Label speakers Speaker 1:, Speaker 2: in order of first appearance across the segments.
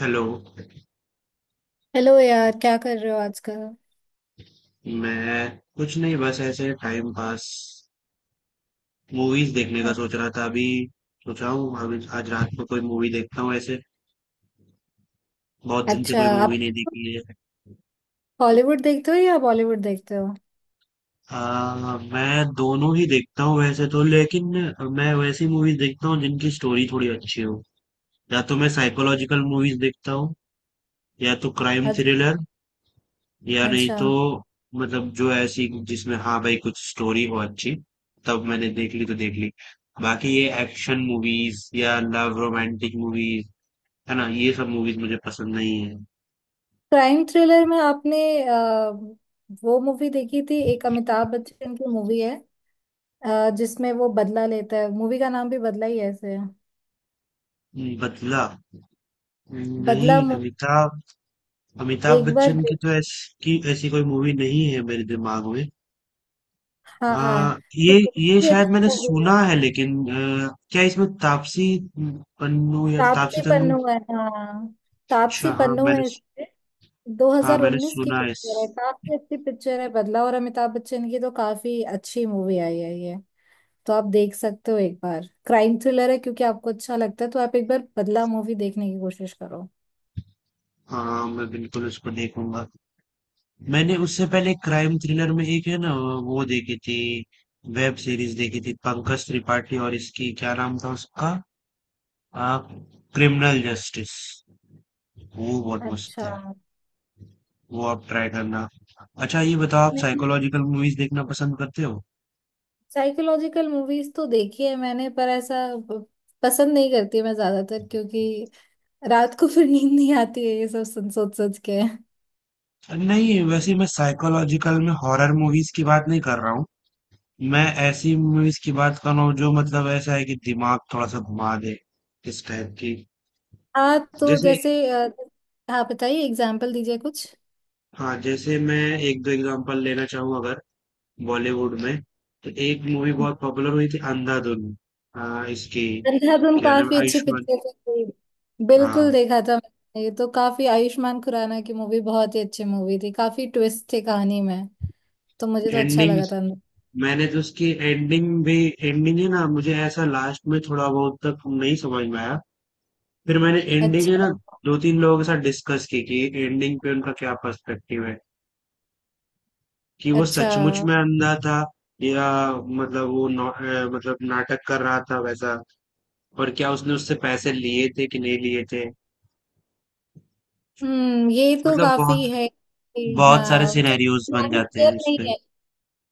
Speaker 1: Hello.
Speaker 2: Hello यार, क्या कर रहे हो आजकल?
Speaker 1: मैं कुछ नहीं, बस ऐसे टाइम पास। मूवीज देखने का
Speaker 2: अ-
Speaker 1: सोच रहा था अभी। सोचा हूँ अभी आज रात को कोई मूवी देखता हूँ ऐसे। बहुत दिन से
Speaker 2: अच्छा,
Speaker 1: कोई मूवी
Speaker 2: आप
Speaker 1: नहीं देखी है।
Speaker 2: हॉलीवुड देखते हो या बॉलीवुड देखते हो?
Speaker 1: मैं दोनों ही देखता हूँ वैसे तो, लेकिन मैं वैसी मूवीज देखता हूँ जिनकी स्टोरी थोड़ी अच्छी हो। या तो मैं साइकोलॉजिकल मूवीज देखता हूँ, या तो क्राइम
Speaker 2: अ-
Speaker 1: थ्रिलर, या नहीं
Speaker 2: अच्छा।
Speaker 1: तो मतलब जो ऐसी जिसमें, हाँ भाई, कुछ स्टोरी हो अच्छी, तब मैंने देख ली तो देख ली। बाकी ये एक्शन मूवीज या लव रोमांटिक मूवीज, है ना, ये सब मूवीज मुझे पसंद नहीं है।
Speaker 2: क्राइम थ्रिलर में आपने अ, वो मूवी देखी थी? एक अमिताभ बच्चन की मूवी है, जिसमें वो बदला लेता है। मूवी का नाम भी बदला ही ऐसे है।
Speaker 1: बदला? नहीं,
Speaker 2: बदला मु-
Speaker 1: अमिताभ अमिताभ
Speaker 2: एक बार
Speaker 1: बच्चन
Speaker 2: दे-
Speaker 1: की तो ऐसी की ऐसी कोई मूवी नहीं है मेरे दिमाग में।
Speaker 2: हाँ, तो
Speaker 1: ये
Speaker 2: बहुत
Speaker 1: ये
Speaker 2: ही
Speaker 1: शायद मैंने
Speaker 2: अच्छी movie है।
Speaker 1: सुना है, लेकिन क्या इसमें तापसी पन्नू या तापसी
Speaker 2: तापसी
Speaker 1: तन्नू?
Speaker 2: पन्नू है, हाँ। तापसी
Speaker 1: अच्छा, हाँ,
Speaker 2: पन्नू
Speaker 1: मैंने।
Speaker 2: है इसमें।
Speaker 1: हाँ, मैंने
Speaker 2: 2019 की
Speaker 1: सुना है इस।
Speaker 2: पिक्चर है, काफी अच्छी पिक्चर है बदला, और अमिताभ बच्चन की तो काफी अच्छी मूवी आई है ये। तो आप देख सकते हो एक बार, क्राइम थ्रिलर है, क्योंकि आपको अच्छा लगता है तो आप एक बार बदला मूवी देखने की कोशिश करो।
Speaker 1: हाँ, मैं बिल्कुल उसको देखूंगा। मैंने उससे पहले क्राइम थ्रिलर में एक है ना, वो देखी थी। वेब सीरीज देखी थी पंकज त्रिपाठी, और इसकी क्या नाम था उसका, आ, क्रिमिनल जस्टिस। वो बहुत मस्त
Speaker 2: अच्छा।
Speaker 1: है। वो आप ट्राई करना। अच्छा, ये बताओ, आप
Speaker 2: नहीं,
Speaker 1: साइकोलॉजिकल मूवीज देखना पसंद करते हो?
Speaker 2: साइकोलॉजिकल मूवीज तो देखी है मैंने, पर ऐसा प- पसंद नहीं करती मैं ज्यादातर, क्योंकि रात को फिर नींद नहीं आती है ये सब सुन सोच सोच के।
Speaker 1: नहीं, वैसे मैं साइकोलॉजिकल में हॉरर मूवीज की बात नहीं कर रहा हूँ। मैं ऐसी मूवीज की बात कर रहा हूँ जो, मतलब, ऐसा है कि दिमाग थोड़ा सा घुमा दे, इस टाइप की।
Speaker 2: हाँ, तो
Speaker 1: जैसे,
Speaker 2: जैसे हाँ, बताइए एग्जाम्पल दीजिए कुछ।
Speaker 1: हाँ, जैसे मैं एक दो एग्जांपल लेना चाहूँ अगर बॉलीवुड में, तो एक मूवी बहुत पॉपुलर हुई थी, अंधाधुन। हाँ, इसकी
Speaker 2: अंधाधुन
Speaker 1: क्या नाम है,
Speaker 2: काफी अच्छी
Speaker 1: आयुष्मान।
Speaker 2: पिक्चर थी। बिल्कुल
Speaker 1: हाँ,
Speaker 2: देखा था मैंने ये तो, काफी आयुष्मान खुराना की मूवी बहुत ही अच्छी मूवी थी, काफी ट्विस्ट थे कहानी में। तो मुझे तो अच्छा
Speaker 1: एंडिंग।
Speaker 2: लगा था।
Speaker 1: मैंने तो उसकी एंडिंग भी, एंडिंग, है ना, मुझे ऐसा लास्ट में थोड़ा बहुत तक नहीं समझ में आया। फिर मैंने एंडिंग,
Speaker 2: अच्छा।
Speaker 1: है ना, दो तीन लोगों के साथ डिस्कस की कि एंडिंग पे उनका क्या पर्सपेक्टिव है, कि वो
Speaker 2: अच्छा।
Speaker 1: सचमुच में अंधा था या मतलब वो नौ- अ, मतलब नाटक कर रहा था वैसा, और क्या उसने उससे पैसे लिए थे कि नहीं लिए थे।
Speaker 2: ये तो
Speaker 1: मतलब बहुत
Speaker 2: काफी है कि
Speaker 1: बहुत सारे
Speaker 2: हाँ, क्योंकि
Speaker 1: सिनेरियोज बन
Speaker 2: कहानी
Speaker 1: जाते
Speaker 2: क्लियर
Speaker 1: हैं
Speaker 2: नहीं
Speaker 1: उसपे।
Speaker 2: है।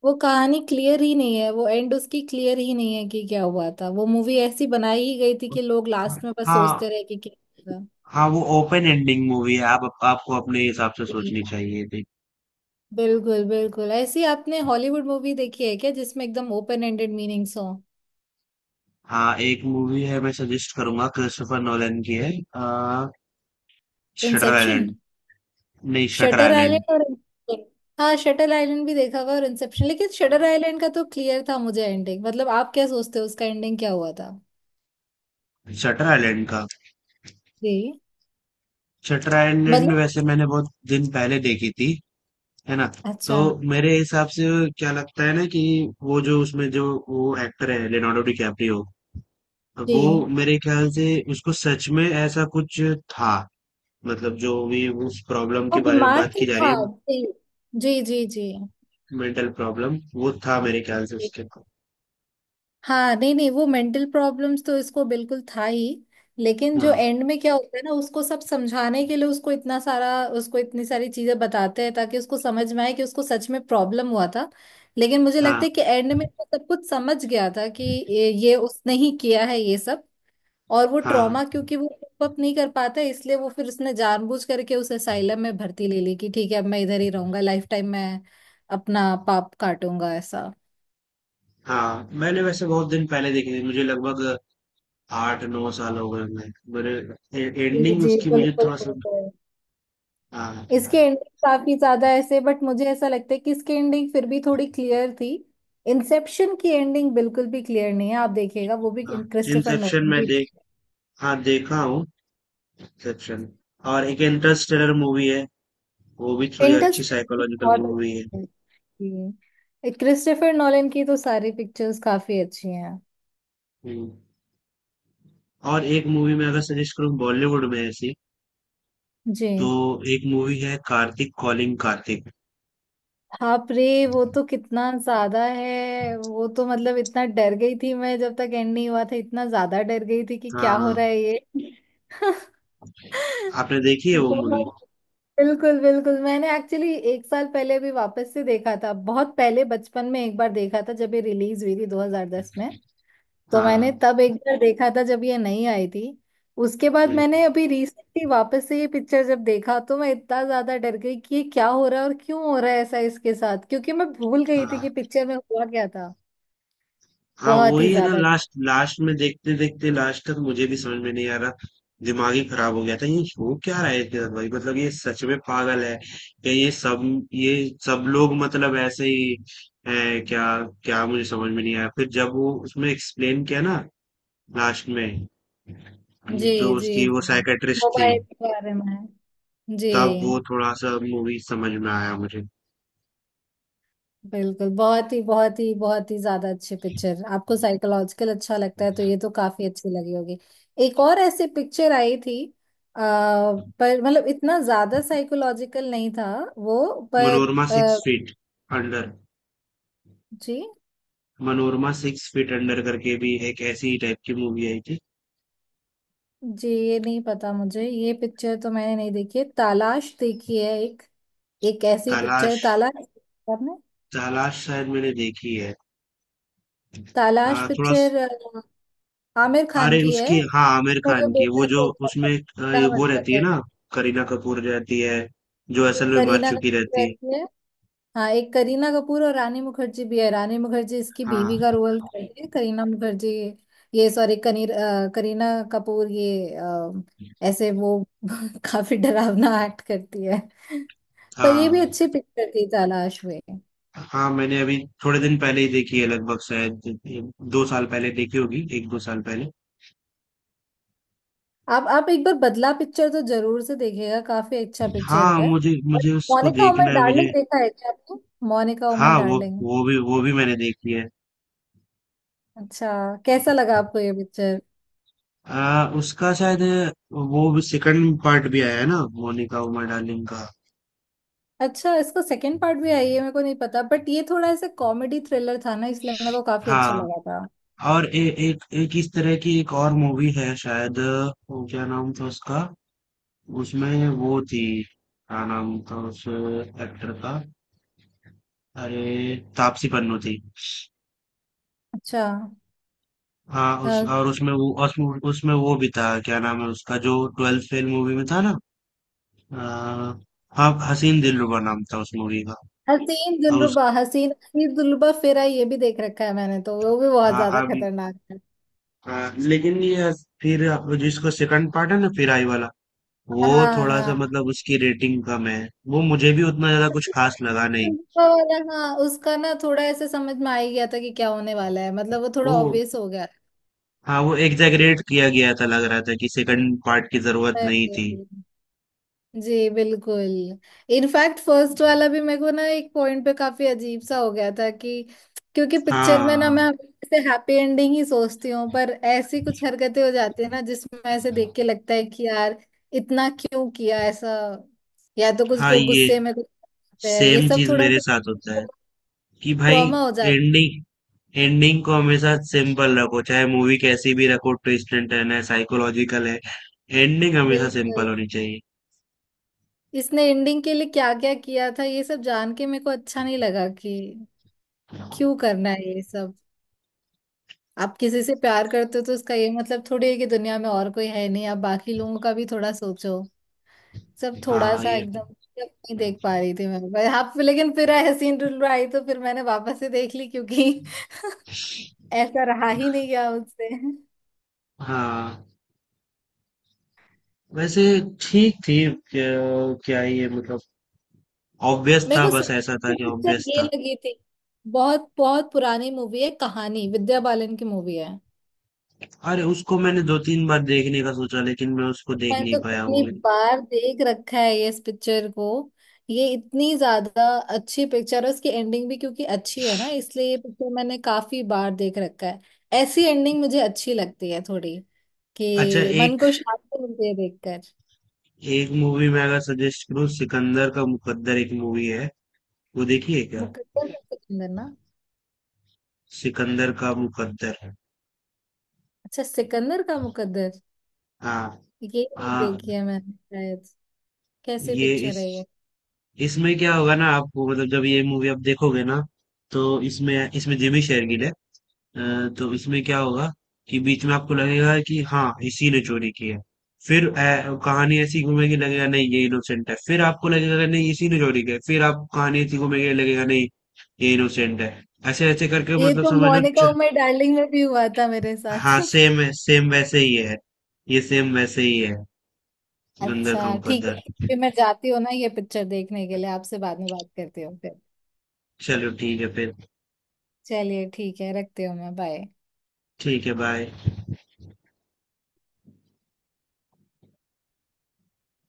Speaker 2: वो कहानी क्लियर ही नहीं है, वो एंड उसकी क्लियर ही नहीं है कि क्या हुआ था। वो मूवी ऐसी बनाई ही गई थी कि लोग लास्ट में बस
Speaker 1: हाँ,
Speaker 2: सोचते रहे कि क्या हुआ
Speaker 1: हाँ, वो ओपन एंडिंग मूवी है, आप आपको अपने हिसाब से सोचनी
Speaker 2: था।
Speaker 1: चाहिए थी।
Speaker 2: बिल्कुल बिल्कुल। ऐसी आपने हॉलीवुड मूवी देखी है क्या जिसमें एकदम ओपन एंडेड मीनिंग्स हो?
Speaker 1: हाँ, एक मूवी है, मैं सजेस्ट करूंगा, क्रिस्टोफर नोलन की है, शटर
Speaker 2: इंसेप्शन।
Speaker 1: आइलैंड। नहीं, शटर
Speaker 2: शटर
Speaker 1: आइलैंड।
Speaker 2: आइलैंड और Inception। हाँ, शटर आइलैंड भी देखा हुआ और इंसेप्शन, लेकिन शटर आइलैंड का तो क्लियर था मुझे एंडिंग। मतलब आप क्या सोचते हो उसका एंडिंग क्या हुआ था?
Speaker 1: शटर आइलैंड का।
Speaker 2: जी।
Speaker 1: शटर आइलैंड
Speaker 2: मतलब।
Speaker 1: वैसे मैंने बहुत दिन पहले देखी थी, है ना, तो
Speaker 2: अच्छा।
Speaker 1: मेरे हिसाब से क्या लगता है ना कि वो, जो उसमें जो वो एक्टर है, लियोनार्डो डिकैप्रियो, वो
Speaker 2: जी।
Speaker 1: मेरे ख्याल से उसको सच में ऐसा कुछ था, मतलब जो भी उस प्रॉब्लम
Speaker 2: वो
Speaker 1: के बारे में
Speaker 2: बीमार
Speaker 1: बात
Speaker 2: तो
Speaker 1: की जा रही
Speaker 2: था।
Speaker 1: है,
Speaker 2: जी। जी जी।
Speaker 1: मेंटल प्रॉब्लम वो था मेरे ख्याल से
Speaker 2: जी।
Speaker 1: उसके।
Speaker 2: हाँ, नहीं नहीं, वो मेंटल प्रॉब्लम्स तो इसको बिल्कुल था ही। लेकिन जो
Speaker 1: हाँ,
Speaker 2: एंड में क्या होता है ना, उसको सब समझाने के लिए उसको इतना सारा, उसको इतनी सारी चीजें बताते हैं ताकि उसको समझ में आए कि उसको सच में प्रॉब्लम हुआ था। लेकिन मुझे
Speaker 1: हाँ,
Speaker 2: लगता है कि एंड में वो सब कुछ समझ गया था कि ये उसने ही किया है ये सब। और वो
Speaker 1: हाँ,
Speaker 2: ट्रॉमा, क्योंकि वो अप नहीं कर पाता है, इसलिए वो फिर उसने जानबूझ करके उस असाइलम में भर्ती ले ली कि ठीक है, अब मैं इधर ही रहूंगा, लाइफ टाइम मैं अपना पाप काटूंगा ऐसा।
Speaker 1: हाँ, मैंने वैसे बहुत दिन पहले देखी थी, मुझे लगभग 8-9 साल हो गए। मैं, मेरे,
Speaker 2: जी
Speaker 1: एंडिंग
Speaker 2: जी,
Speaker 1: उसकी मुझे
Speaker 2: बिल्कुल
Speaker 1: थोड़ा सा।
Speaker 2: बिल्कुल।
Speaker 1: हाँ,
Speaker 2: इसकी एंडिंग काफी ज्यादा ऐसे, बट मुझे ऐसा लगता है कि इसकी एंडिंग फिर भी थोड़ी क्लियर थी। इंसेप्शन की एंडिंग बिल्कुल भी क्लियर नहीं है, आप देखिएगा वो भी,
Speaker 1: हाँ,
Speaker 2: क्रिस्टोफर
Speaker 1: इंसेप्शन
Speaker 2: नोलन
Speaker 1: में
Speaker 2: की।
Speaker 1: देख हाँ, देखा हूँ इंसेप्शन, और एक इंटरस्टेलर मूवी है, वो भी थोड़ी अच्छी
Speaker 2: इंटरस्टेलर
Speaker 1: साइकोलॉजिकल
Speaker 2: बहुत
Speaker 1: मूवी है।
Speaker 2: अच्छी थी। क्रिस्टोफर नोलन की तो सारी पिक्चर्स काफी अच्छी हैं।
Speaker 1: हम्म। और एक मूवी मैं अगर सजेस्ट करूँ बॉलीवुड में ऐसी,
Speaker 2: जी।
Speaker 1: तो एक मूवी है, कार्तिक कॉलिंग कार्तिक।
Speaker 2: बाप रे, वो तो कितना ज्यादा है। वो तो मतलब इतना डर गई थी मैं, जब तक एंड नहीं हुआ था इतना ज्यादा डर गई थी कि क्या हो
Speaker 1: हाँ,
Speaker 2: रहा है ये।
Speaker 1: आपने देखी है वो मूवी?
Speaker 2: बहुत। बिल्कुल बिल्कुल, मैंने एक्चुअली एक साल पहले भी वापस से देखा था। बहुत पहले बचपन में एक बार देखा था जब ये रिलीज हुई थी 2010 में। तो मैंने
Speaker 1: हाँ,
Speaker 2: तब एक बार देखा था जब ये नहीं आई थी। उसके बाद
Speaker 1: हम्म,
Speaker 2: मैंने अभी रिसेंटली वापस से ये पिक्चर जब देखा, तो मैं इतना ज्यादा डर गई कि ये क्या हो रहा है और क्यों हो रहा है ऐसा इसके साथ, क्योंकि मैं भूल गई थी
Speaker 1: हाँ,
Speaker 2: कि पिक्चर में हुआ क्या था।
Speaker 1: हाँ,
Speaker 2: बहुत ही
Speaker 1: वही है ना,
Speaker 2: ज्यादा।
Speaker 1: लास्ट लास्ट में देखते देखते लास्ट तक मुझे भी समझ में नहीं आ रहा, दिमाग ही खराब हो गया था, ये हो क्या रहा है इसके साथ भाई, मतलब ये सच में पागल है, या ये सब लोग, मतलब ऐसे ही है क्या, क्या मुझे समझ में नहीं आया, फिर जब वो उसमें एक्सप्लेन किया ना लास्ट में, जो
Speaker 2: जी जी।
Speaker 1: उसकी वो
Speaker 2: जी।
Speaker 1: साइकेट्रिस्ट थी,
Speaker 2: मोबाइल के बारे में। जी।
Speaker 1: तब वो थोड़ा-सा मूवी समझ में आया मुझे।
Speaker 2: बिल्कुल, बहुत ही, बहुत ही, बहुत ही ज्यादा अच्छी पिक्चर। आपको साइकोलॉजिकल अच्छा लगता है तो ये तो काफी अच्छी लगी होगी। एक और ऐसी पिक्चर आई थी, पर मतलब इतना ज्यादा साइकोलॉजिकल नहीं था वो, पर।
Speaker 1: मनोरमा सिक्स
Speaker 2: आ,
Speaker 1: फीट अंडर।
Speaker 2: जी।
Speaker 1: मनोरमा सिक्स फीट अंडर करके भी एक ऐसी ही टाइप की मूवी आई थी।
Speaker 2: जी, ये नहीं पता मुझे, ये पिक्चर तो मैंने नहीं देखी है। तालाश देखी है, एक, एक ऐसी पिक्चर।
Speaker 1: तलाश।
Speaker 2: तालाश देखी आपने?
Speaker 1: तलाश शायद मैंने देखी है।
Speaker 2: तालाश
Speaker 1: थोड़ा स
Speaker 2: पिक्चर आमिर खान
Speaker 1: अरे,
Speaker 2: की है।
Speaker 1: उसकी, हाँ, आमिर
Speaker 2: उसमें जो
Speaker 1: खान की वो,
Speaker 2: बेटा
Speaker 1: जो
Speaker 2: खो गया था,
Speaker 1: उसमें, ये
Speaker 2: बेटा मर
Speaker 1: वो रहती
Speaker 2: जाता
Speaker 1: है
Speaker 2: है।
Speaker 1: ना, करीना कपूर रहती है, जो असल में मर
Speaker 2: करीना
Speaker 1: चुकी
Speaker 2: कपूर
Speaker 1: रहती है।
Speaker 2: रहती है। हाँ, एक करीना कपूर और रानी मुखर्जी भी है। रानी मुखर्जी इसकी
Speaker 1: हाँ,
Speaker 2: बीवी का रोल जी। करती है करीना मुखर्जी, ये, सॉरी, कनीर, करीना कपूर ये ऐसे वो काफी डरावना एक्ट करती है। पर ये भी
Speaker 1: हाँ।
Speaker 2: अच्छी पिक्चर थी, तलाश में।
Speaker 1: हाँ, मैंने अभी थोड़े दिन पहले ही देखी है, लगभग शायद ए 2 साल पहले देखी होगी, 1-2 साल पहले।
Speaker 2: आप एक बार बदला पिक्चर तो जरूर से देखिएगा, काफी अच्छा पिक्चर
Speaker 1: हाँ,
Speaker 2: है।
Speaker 1: मुझे
Speaker 2: और
Speaker 1: मुझे उसको
Speaker 2: मोनिका ओ
Speaker 1: देखना
Speaker 2: माय
Speaker 1: है
Speaker 2: डार्लिंग
Speaker 1: मुझे।
Speaker 2: देखा है क्या आपने? मोनिका ओ माय
Speaker 1: हाँ, वो,
Speaker 2: डार्लिंग।
Speaker 1: वो भी मैंने देखी है।
Speaker 2: अच्छा, कैसा लगा आपको ये पिक्चर?
Speaker 1: उसका शायद, वो भी सेकंड पार्ट भी आया है ना मोनिका उमा डार्लिंग का।
Speaker 2: अच्छा, इसका सेकंड पार्ट भी आई है? मेरे को नहीं पता, बट ये थोड़ा ऐसे कॉमेडी थ्रिलर था ना, इसलिए मेरे को काफी अच्छा
Speaker 1: हाँ,
Speaker 2: लगा था।
Speaker 1: और एक एक इस तरह की एक और मूवी है शायद, वो क्या नाम था उसका, उसमें वो थी, क्या नाम था उस एक्टर का? अरे, तापसी पन्नू थी।
Speaker 2: अच्छा।
Speaker 1: हाँ, उस
Speaker 2: अ,
Speaker 1: और उसमें वो, उसमें उसमें वो भी था, क्या नाम है उसका, जो ट्वेल्थ फेल मूवी में था ना, आ, हाँ, हसीन दिलरुबा नाम था उस मूवी का।
Speaker 2: हसीन
Speaker 1: और उस,
Speaker 2: दिलरुबा। हसीन, हसीन दिलरुबा फिर आई, ये भी देख रखा है मैंने, तो वो भी बहुत
Speaker 1: हाँ,
Speaker 2: ज्यादा
Speaker 1: अब,
Speaker 2: खतरनाक है।
Speaker 1: हाँ, लेकिन ये, फिर आप जिसको सेकंड पार्ट है ना, फिर आई वाला, वो
Speaker 2: हाँ
Speaker 1: थोड़ा सा
Speaker 2: हाँ,
Speaker 1: मतलब उसकी रेटिंग कम है, वो मुझे भी उतना ज्यादा कुछ खास लगा नहीं।
Speaker 2: दिलरुबा वाला, हाँ, उसका ना थोड़ा ऐसे समझ में आ ही गया था कि क्या होने वाला है, मतलब वो थोड़ा
Speaker 1: वो,
Speaker 2: ऑब्वियस हो
Speaker 1: हाँ, वो एग्जैगरेट किया गया था, लग रहा था कि सेकंड पार्ट की जरूरत
Speaker 2: गया।
Speaker 1: नहीं थी।
Speaker 2: जी, बिल्कुल। इनफैक्ट फर्स्ट वाला भी मेरे को ना एक पॉइंट पे काफी अजीब सा हो गया था कि, क्योंकि पिक्चर में ना
Speaker 1: हाँ,
Speaker 2: मैं हमेशा हैप्पी एंडिंग ही सोचती हूँ, पर ऐसी कुछ हरकतें हो जाती है ना जिसमें ऐसे देख के लगता है कि यार इतना क्यों किया ऐसा, या तो कुछ
Speaker 1: हाँ,
Speaker 2: लोग
Speaker 1: ये
Speaker 2: गुस्से में कुछ करते हैं ये
Speaker 1: सेम
Speaker 2: सब
Speaker 1: चीज
Speaker 2: थोड़ा
Speaker 1: मेरे साथ
Speaker 2: सा
Speaker 1: होता है, कि भाई
Speaker 2: ट्रॉमा हो जाता
Speaker 1: एंडिंग एंडिंग को हमेशा सिंपल रखो, चाहे मूवी कैसी भी रखो, ट्विस्ट एंड टर्न है, साइकोलॉजिकल है, एंडिंग
Speaker 2: है।
Speaker 1: हमेशा
Speaker 2: बिल्कुल।
Speaker 1: सिंपल होनी चाहिए।
Speaker 2: इसने एंडिंग के लिए क्या क्या किया था ये सब जान के मेरे को अच्छा नहीं लगा कि क्यों करना है ये सब। आप किसी से प्यार करते हो तो उसका ये मतलब थोड़ी है कि दुनिया में और कोई है नहीं, आप बाकी लोगों का भी थोड़ा सोचो। सब थोड़ा
Speaker 1: हाँ,
Speaker 2: सा
Speaker 1: ये,
Speaker 2: एकदम, मतलब नहीं देख पा रही थी मैं पर आप, लेकिन फिर हसीन रुल आई तो फिर मैंने वापस से देख ली क्योंकि ऐसा रहा ही नहीं गया उससे।
Speaker 1: हाँ, वैसे ठीक थी। क्या ये मतलब ऑब्वियस
Speaker 2: मेरे
Speaker 1: था,
Speaker 2: को
Speaker 1: बस ऐसा था
Speaker 2: सबसे
Speaker 1: कि
Speaker 2: पिक्चर
Speaker 1: ऑब्वियस
Speaker 2: ये
Speaker 1: था।
Speaker 2: लगी थी, बहुत बहुत पुरानी मूवी है, कहानी, विद्या बालन की मूवी है।
Speaker 1: अरे, उसको मैंने दो तीन बार देखने का सोचा, लेकिन मैं उसको देख
Speaker 2: मैंने
Speaker 1: नहीं
Speaker 2: तो
Speaker 1: पाया
Speaker 2: कितनी
Speaker 1: मूवी।
Speaker 2: बार देख रखा है ये, इस पिक्चर को। ये इतनी ज्यादा अच्छी पिक्चर है, उसकी एंडिंग भी क्योंकि अच्छी है ना, इसलिए ये पिक्चर मैंने काफी बार देख रखा है। ऐसी एंडिंग मुझे अच्छी लगती है थोड़ी,
Speaker 1: अच्छा,
Speaker 2: कि मन
Speaker 1: एक
Speaker 2: को शांति मिलती है देखकर।
Speaker 1: एक मूवी मैं अगर सजेस्ट करूँ, सिकंदर का मुकद्दर, एक मूवी है, वो देखिए क्या?
Speaker 2: मुकद्दर का सिकंदर ना?
Speaker 1: सिकंदर का मुकद्दर।
Speaker 2: अच्छा, सिकंदर का मुकद्दर।
Speaker 1: हाँ,
Speaker 2: ये नहीं
Speaker 1: हाँ,
Speaker 2: देखी है मैंने शायद, कैसे
Speaker 1: ये,
Speaker 2: पिक्चर है
Speaker 1: इस
Speaker 2: ये?
Speaker 1: इसमें क्या होगा ना आपको, मतलब जब ये मूवी आप देखोगे ना, तो इसमें इसमें जिमी शेरगिल है, अ, तो इसमें क्या होगा कि बीच में आपको लगेगा कि हाँ इसी ने चोरी की है, फिर कहानी ऐसी घूमेगी, लगेगा नहीं ये इनोसेंट है, फिर आपको लगेगा कि नहीं इसी ने चोरी की है, फिर आप कहानी ऐसी घूमेगी, लगेगा नहीं ये इनोसेंट है, ऐसे ऐसे करके
Speaker 2: ये
Speaker 1: मतलब
Speaker 2: तो
Speaker 1: समझ लो
Speaker 2: मोनिका
Speaker 1: च-
Speaker 2: उमर डार्लिंग में भी हुआ था मेरे साथ।
Speaker 1: हाँ, सेम है, सेम वैसे ही है, ये सेम वैसे ही है। गंदर का
Speaker 2: अच्छा, ठीक
Speaker 1: मुकद्दर।
Speaker 2: है। फिर मैं जाती हूँ ना ये पिक्चर देखने के लिए, आपसे बाद में बात करती हूँ फिर।
Speaker 1: चलो, ठीक है फिर।
Speaker 2: चलिए, ठीक है, रखती हूँ मैं, बाय।
Speaker 1: ठीक है, बाय।